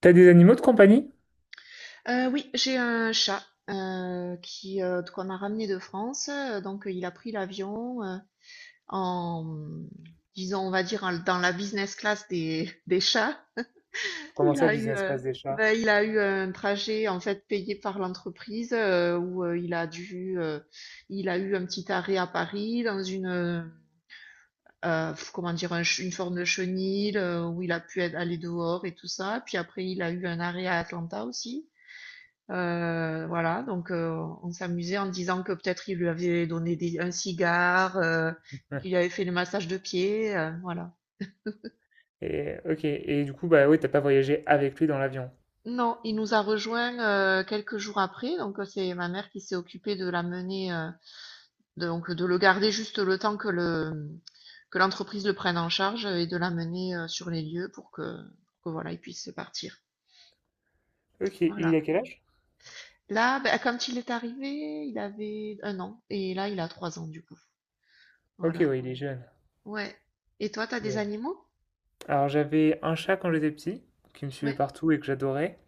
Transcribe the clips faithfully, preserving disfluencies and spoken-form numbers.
T'as des animaux de compagnie? Euh, oui, j'ai un chat euh, qui euh, qu'on a ramené de France. euh, Donc, euh, il a pris l'avion euh, en, disons, on va dire, en- dans la business class des, des chats. Comment Il ça, a eu, business euh, class des chats? ben, il a eu un trajet en fait payé par l'entreprise euh, où euh, il a dû, euh, il a eu un petit arrêt à Paris dans une, euh, euh, comment dire, un ch- une forme de chenil euh, où il a pu être- aller dehors et tout ça. Puis après, il a eu un arrêt à Atlanta aussi. Euh, voilà, donc euh, on s'amusait en disant que peut-être il lui avait donné des- un cigare, euh, Ouais. qu'il avait fait le massage de pied, euh, voilà. Et euh, ok, et du coup, bah oui, t'as pas voyagé avec lui dans l'avion. Non, il nous a rejoint euh, quelques jours après, donc euh, c'est ma mère qui s'est occupée de l'amener, euh, de- donc de le garder juste le temps que le que l'entreprise le prenne en charge et de l'amener euh, sur les lieux pour que, que voilà, il puisse partir. Ok, il Voilà. a quel âge? Là, ben, quand il est arrivé, il avait un an et là il a trois ans du coup. Ok, Voilà. oui, il est jeune. Ouais. Et toi, t'as des Bien. animaux? Alors j'avais un chat quand j'étais petit, qui me suivait Ouais, partout et que j'adorais.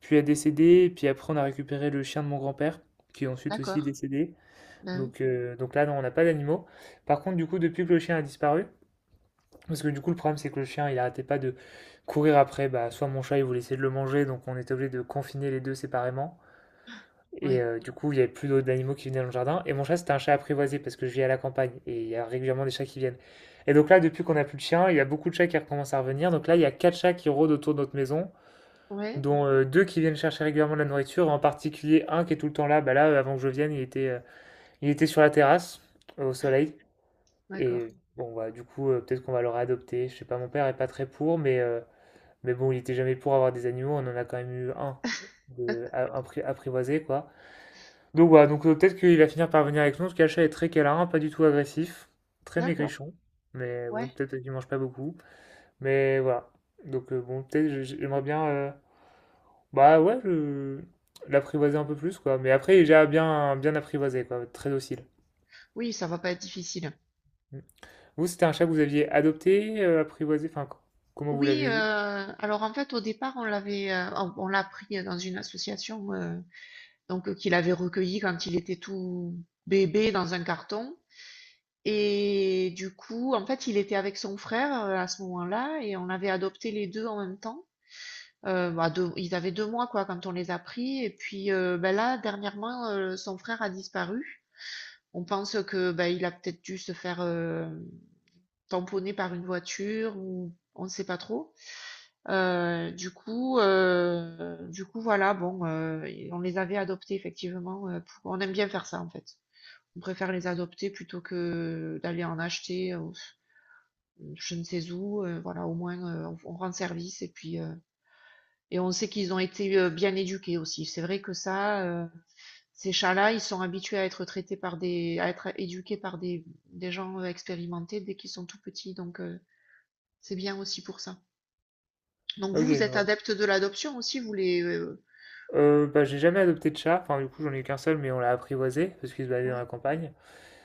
Puis il a décédé, et puis après on a récupéré le chien de mon grand-père, qui est ensuite aussi d'accord. décédé. Ben Donc, euh, donc là, non, on n'a pas d'animaux. Par contre, du coup, depuis que le chien a disparu, parce que du coup, le problème, c'est que le chien, il arrêtait pas de courir après, bah, soit mon chat, il voulait essayer de le manger, donc on était obligé de confiner les deux séparément. oui, Et ouais. euh, du coup, il y avait plus d'autres animaux qui venaient dans le jardin. Et mon chat, c'était un chat apprivoisé parce que je vis à la campagne et il y a régulièrement des chats qui viennent. Et donc là, depuis qu'on a plus de chien, il y a beaucoup de chats qui recommencent à revenir. Donc là, il y a quatre chats qui rôdent autour de notre maison, Ouais, dont euh, deux qui viennent chercher régulièrement de la nourriture, en particulier un qui est tout le temps là. Bah là, euh, avant que je vienne, il était, euh, il était sur la terrasse, euh, au soleil. d'accord. Et bon, bah, du coup, euh, peut-être qu'on va le réadopter. Je sais pas, mon père est pas très pour, mais, euh, mais bon, il était jamais pour avoir des animaux. On en a quand même eu un de, à- appri- apprivoisé, quoi. Donc voilà, donc euh, peut-être qu'il va finir par venir avec nous, parce que est très câlin, pas du tout agressif, très D'accord, maigrichon, mais ouais. bon, peut-être qu'il mange pas beaucoup, mais voilà. Donc euh, bon, peut-être je- je- j'aimerais bien, euh, bah ouais, je- l'apprivoiser un peu plus, quoi. Mais après, il est déjà bien, bien apprivoisé, quoi, très docile. Oui, ça va pas être difficile. Mm. Vous, c'était un chat que vous aviez adopté, euh, apprivoisé, enfin, co- comment vous Oui, l'avez eu? euh, alors en fait, au départ, on l'avait, euh, on, on l'a pris dans une association euh, donc euh, qu'il avait recueilli quand il était tout bébé dans un carton. Et du coup, en fait, il était avec son frère euh, à ce moment-là et on avait adopté les deux en même temps. Euh, bah, deux- ils avaient deux mois quoi quand on les a pris et puis euh, bah, là dernièrement euh, son frère a disparu. On pense que bah, il a peut-être dû se faire euh, tamponner par une voiture ou on ne sait pas trop. Euh, du coup euh, du coup voilà bon euh, et on les avait adoptés effectivement. euh, pour- On aime bien faire ça en fait. On préfère les adopter plutôt que d'aller en acheter euh, je ne sais où. Euh, voilà au moins euh, on, on rend service et puis euh, et on sait qu'ils ont été euh, bien éduqués aussi. C'est vrai que ça, euh, ces chats-là, ils sont habitués à être traités par des, à être éduqués par des, des gens euh, expérimentés dès qu'ils sont tout petits. Donc, euh, c'est bien aussi pour ça. Donc, Ok, vous, vous je êtes vois. adepte de l'adoption aussi, vous les, euh, Euh, bah, j'ai jamais adopté de chat, enfin du coup j'en ai qu'un seul mais on l'a apprivoisé parce qu'il se baladait dans ouais, la campagne.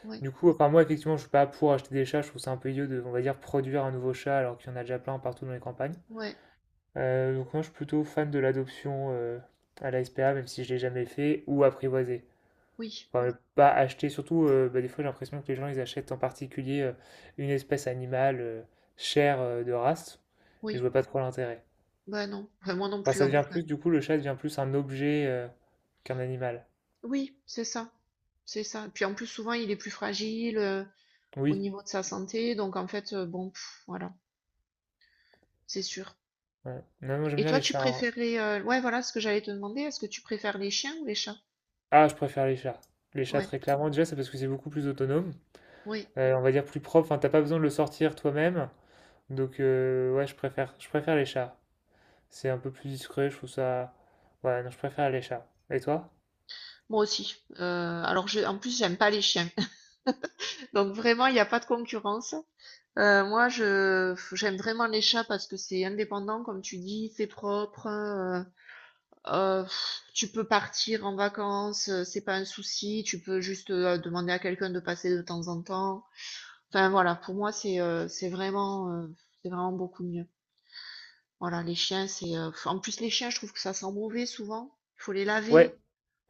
ouais, Du coup, enfin moi effectivement je suis pas pour acheter des chats, je trouve ça un peu idiot de, on va dire, produire un nouveau chat alors qu'il y en a déjà plein partout dans les campagnes. ouais, Euh, donc moi je suis plutôt fan de l'adoption euh, à la S P A même si je l'ai jamais fait ou apprivoisé. oui, Enfin mais pas acheter, surtout euh, bah, des fois j'ai l'impression que les gens ils achètent en particulier euh, une espèce animale euh, chère euh, de race et je oui, vois pas trop l'intérêt. bah non, enfin, moi non Enfin plus ça en devient tout cas. plus, du coup le chat devient plus un objet euh, qu'un animal. Oui, c'est ça, c'est ça. Puis en plus, souvent, il est plus fragile euh, au Oui. niveau de sa santé. Donc, en fait, euh, bon, pff, voilà, c'est sûr. Ouais. Non, moi j'aime Et bien toi, les tu chats, hein. Préférais, euh, ouais, voilà ce que j'allais te demander. Est-ce que tu préfères les chiens ou les chats? Ah, je préfère les chats. Les chats, Ouais, très clairement, déjà, c'est parce que c'est beaucoup plus autonome. oui, Euh, on va dire plus propre. Enfin, t'as pas besoin de le sortir toi-même. Donc, euh, ouais, je préfère, je préfère les chats. C'est un peu plus discret, je trouve ça. Ouais, non, je préfère les chats. Et toi? moi aussi. Euh, alors, je, en plus, j'aime pas les chiens. Donc vraiment, il n'y a pas de concurrence. Euh, moi, je j'aime vraiment les chats parce que c'est indépendant, comme tu dis, c'est propre. Euh, euh, pff, tu peux partir en vacances, euh, c'est pas un souci. Tu peux juste euh, demander à quelqu'un de passer de temps en temps. Enfin voilà, pour moi, c'est euh, c'est vraiment euh, c'est vraiment beaucoup mieux. Voilà, les chiens, c'est. Euh, En plus, les chiens, je trouve que ça sent mauvais souvent. Il faut les laver. Ouais,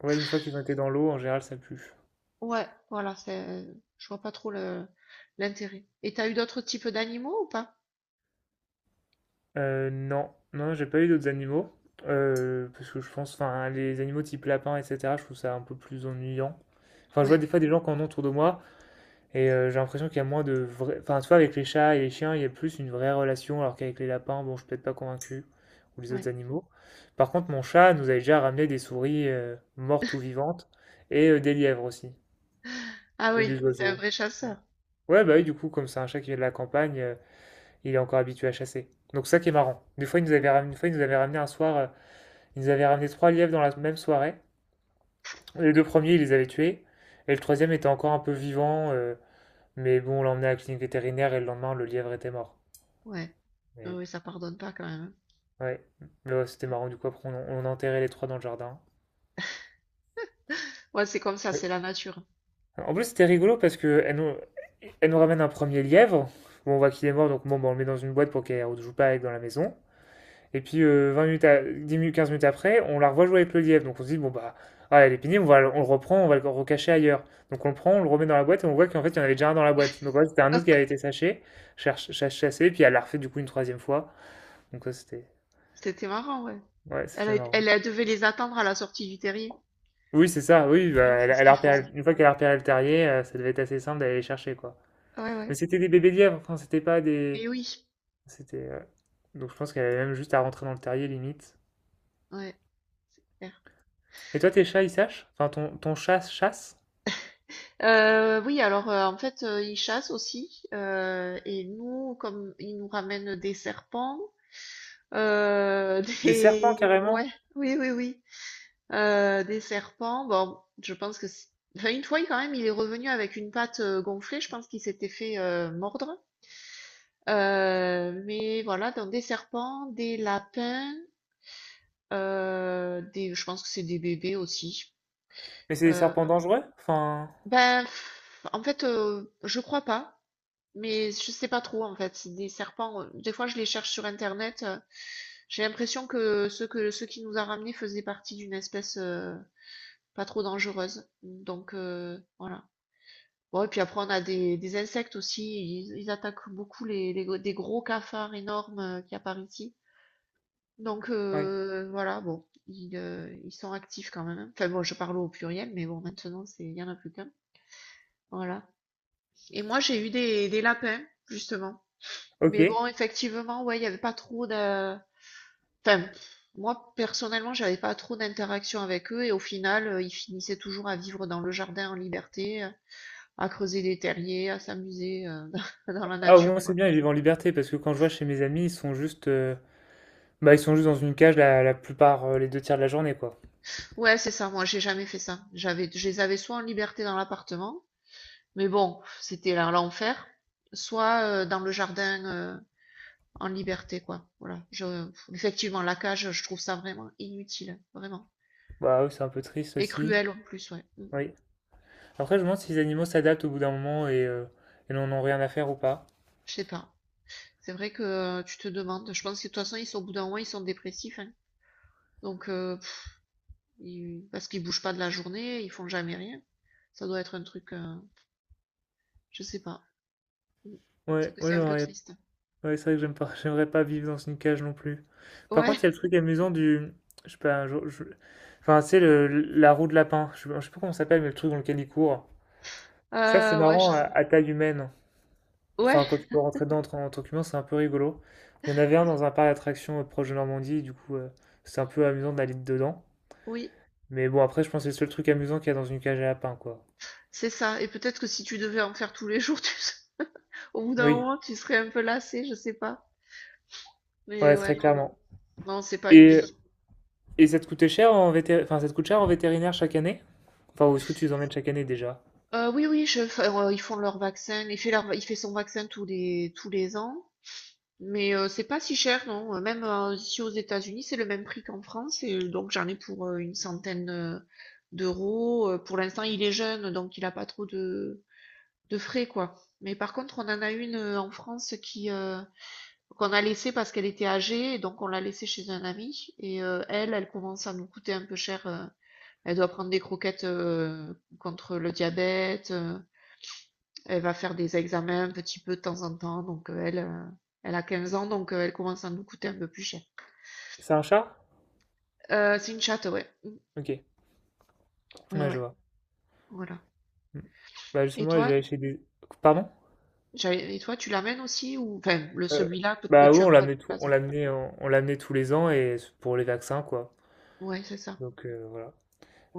ouais, une fois qu'ils ont été dans l'eau, en général, ça pue. Ouais, voilà, c'est. Euh, Je vois pas trop le l'intérêt. Et t'as eu d'autres types d'animaux ou pas? Euh, non, non, j'ai pas eu d'autres animaux. Euh, parce que je pense, enfin, les animaux type lapin, et cetera, je trouve ça un peu plus ennuyant. Enfin, je vois Ouais, des fois des gens qui en ont autour de moi. Et euh, j'ai l'impression qu'il y a moins de vrai. Enfin, tu vois, avec les chats et les chiens, il y a plus une vraie relation, alors qu'avec les lapins, bon, je suis peut-être pas convaincu, ou les autres ouais. animaux. Par contre, mon chat nous avait déjà ramené des souris euh, mortes ou vivantes, et euh, des lièvres aussi, Ah et oui, des c'est un oiseaux. vrai chasseur. Ouais, bah oui, du coup, comme c'est un chat qui vient de la campagne, euh, il est encore habitué à chasser. Donc ça qui est marrant. Des fois, il nous avait Ouais. ramené, une fois, il nous avait ramené un soir, euh, il nous avait ramené trois lièvres dans la même soirée. Les deux premiers, il les avait tués, et le troisième était encore un peu vivant. euh, Mais bon, on l'a emmené à la clinique vétérinaire et le lendemain, le lièvre était mort. Ouais. Ah Mais oui, ça pardonne pas quand même, hein. bon, ouais. Mais ouais, c'était marrant. Du coup, après, on, on a enterré les trois dans le jardin. Ouais, c'est comme ça, Oui. c'est la nature. En plus, c'était rigolo parce que elle nous, elle nous ramène un premier lièvre. Bon, on voit qu'il est mort, donc bon, bah, on le met dans une boîte pour qu'elle ne joue pas avec dans la maison. Et puis, euh, vingt minutes à- dix minutes, quinze minutes après, on la revoit jouer avec le lièvre. Donc, on se dit, bon, bah, ah, elle est pénible, on, va, on le reprend, on va le recacher ailleurs. Donc, on le prend, on le remet dans la boîte et on voit qu'en fait, il y en avait déjà un dans la boîte. Donc, ouais, c'était un autre qui avait été saché, cherche- chassé, puis elle l'a refait du coup une troisième fois. Donc, ça, c'était. C'était marrant, ouais. Ouais, Elle, a c'était été- marrant. Elle, elle devait les attendre à la sortie du terrier. Oui, c'est ça, oui, bah, Ouais, elle, c'est ce elle a qu'ils repéré, font. une fois qu'elle a repéré le terrier, euh, ça devait être assez simple d'aller les chercher, quoi. Ouais, ouais. Mais c'était des bébés lièvres, enfin, c'était pas des. Et oui. C'était. euh, Donc je pense qu'elle avait même juste à rentrer dans le terrier, limite. Ouais. Et toi, tes chats, ils sèchent? Enfin, ton, ton chat chasse? Euh, oui, alors euh, en fait, euh, ils chassent aussi. Euh, et nous, comme ils nous ramènent des serpents, euh, Des serpents, des... Ouais, carrément? oui, oui, oui. Euh, des serpents, bon, je pense que... c'est- enfin, une fois, il- quand même, il est revenu avec une patte euh, gonflée. Je pense qu'il s'était fait euh, mordre. Euh, mais voilà, donc des serpents, des lapins, euh, des... je pense que c'est des bébés aussi. Mais c'est des Euh, serpents dangereux? Enfin. ben, pff, En fait, euh, je crois pas. Mais je sais pas trop en fait. C'est Des serpents, euh, des fois je les cherche sur internet. euh, J'ai l'impression que ceux que ceux qui nous a ramenés faisaient partie d'une espèce euh, pas trop dangereuse. Donc euh, voilà. Bon, et puis après on a des, des insectes aussi. Ils, ils attaquent beaucoup les, les- des gros cafards énormes euh, qu'il y a par ici. Donc Ouais. euh, voilà, bon, ils, euh, ils sont actifs quand même. Enfin bon, je parle au pluriel, mais bon, maintenant c'est il y en a plus qu'un. Voilà. Et moi j'ai eu des, des lapins justement. Ok. Mais bon, effectivement, ouais, il n'y avait pas trop de... Enfin, moi, personnellement, j'avais pas trop d'interaction avec eux et au final, euh, ils finissaient toujours à vivre dans le jardin en liberté, euh, à creuser des terriers, à s'amuser euh, dans la Ah, au nature, moins, c'est quoi. bien, ils vivent en liberté, parce que quand je vois chez mes amis, ils sont juste. euh, Bah, ils sont juste dans une cage la, la plupart, euh, les deux tiers de la journée, quoi. Ouais, c'est ça, moi, j'ai jamais fait ça. J'avais, je les avais soit en liberté dans l'appartement, mais bon, c'était là l'enfer, soit euh, dans le jardin euh, en liberté, quoi. Voilà. Je, effectivement, la cage, je trouve ça vraiment inutile, vraiment. Bah, oui, c'est un peu triste Et aussi. cruel en plus, ouais. Mm. Oui. Après, je me demande si les animaux s'adaptent au bout d'un moment et, euh, et n'en ont rien à faire ou pas. Je sais pas. C'est vrai que euh, tu te demandes. Je pense que de toute façon, ils sont au bout d'un moment, ils sont dépressifs, hein. Donc, euh, pff, ils- parce qu'ils bougent pas de la journée, ils font jamais rien. Ça doit être un truc, euh, je sais pas. Mm. C'est Ouais, que ouais c'est un peu j'aurais. triste. Ouais, c'est vrai que j'aime pas, j'aimerais pas vivre dans une cage non plus. Par Ouais, contre, il y a le truc amusant du. Je sais pas, un jour. je- Enfin, c'est le, la roue de lapin. Je sais pas je sais pas comment ça s'appelle, mais le truc dans lequel il court. Ça, c'est euh, ouais, je marrant à, sais à taille humaine. pas. Ouais, Enfin, quand tu peux rentrer dedans en, tant en tant qu'humain, c'est un peu rigolo. Il y en avait un dans un parc d'attractions euh, proche de Normandie, du coup, euh, c'est un peu amusant d'aller dedans. oui, Mais bon, après, je pense que c'est le seul truc amusant qu'il y a dans une cage à lapin, quoi. c'est ça. Et peut-être que si tu devais en faire tous les jours, tu serais- au bout d'un Oui, moment, tu serais un peu lassé, je sais pas. Mais ouais, ouais, très non, non, clairement. non, c'est pas une Et vie. Et ça te coûtait cher en vété- enfin, ça te coûte cher en vétérinaire chaque année? Enfin, où est-ce que tu les emmènes chaque année déjà? Euh, oui, oui, je, enfin, euh, ils font leur vaccin. Il fait leur, il fait son vaccin tous les tous les ans. Mais euh, c'est pas si cher, non. Euh, Même euh, ici aux États-Unis, c'est le même prix qu'en France. Et euh, donc j'en ai pour euh, une centaine euh, d'euros. Euh, Pour l'instant, il est jeune, donc il a pas trop de, de frais, quoi. Mais par contre, on en a une euh, en France qui euh, qu'on a laissée parce qu'elle était âgée, et donc on l'a laissée chez un ami. Et euh, elle, elle commence à nous coûter un peu cher. Euh. Elle doit prendre des croquettes euh, contre le diabète. Euh, elle va faire des examens un petit peu de temps en temps, donc euh, elle, euh, elle a quinze ans, donc euh, elle commence à nous coûter un peu plus cher. C'est un chat? Euh, c'est une chatte, ouais. Mm. Ok, Ouais, ouais, ouais, je vois. voilà. Mm. Bah Et justement, je toi, vais aller chez des. Pardon? j'allais- et toi, tu l'amènes aussi ou, enfin, le Euh, celui-là, peut-être que Bah oui, tu as on pas de l'amenait tout... place, on hein. l'amenait en- on l'amenait tous les ans et c'est pour les vaccins quoi. Ouais, c'est ça. Donc euh, voilà.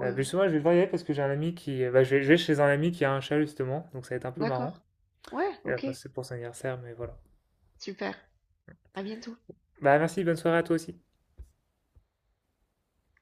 Euh, bah, ouais. justement, je vais devoir y aller parce que j'ai un ami qui, bah, je vais, je vais chez un ami qui a un chat justement, donc ça va être un peu marrant. D'accord. Ouais, Et, ok, enfin, c'est pour son anniversaire, mais voilà. super. À bientôt. Bah merci, bonne soirée à toi aussi.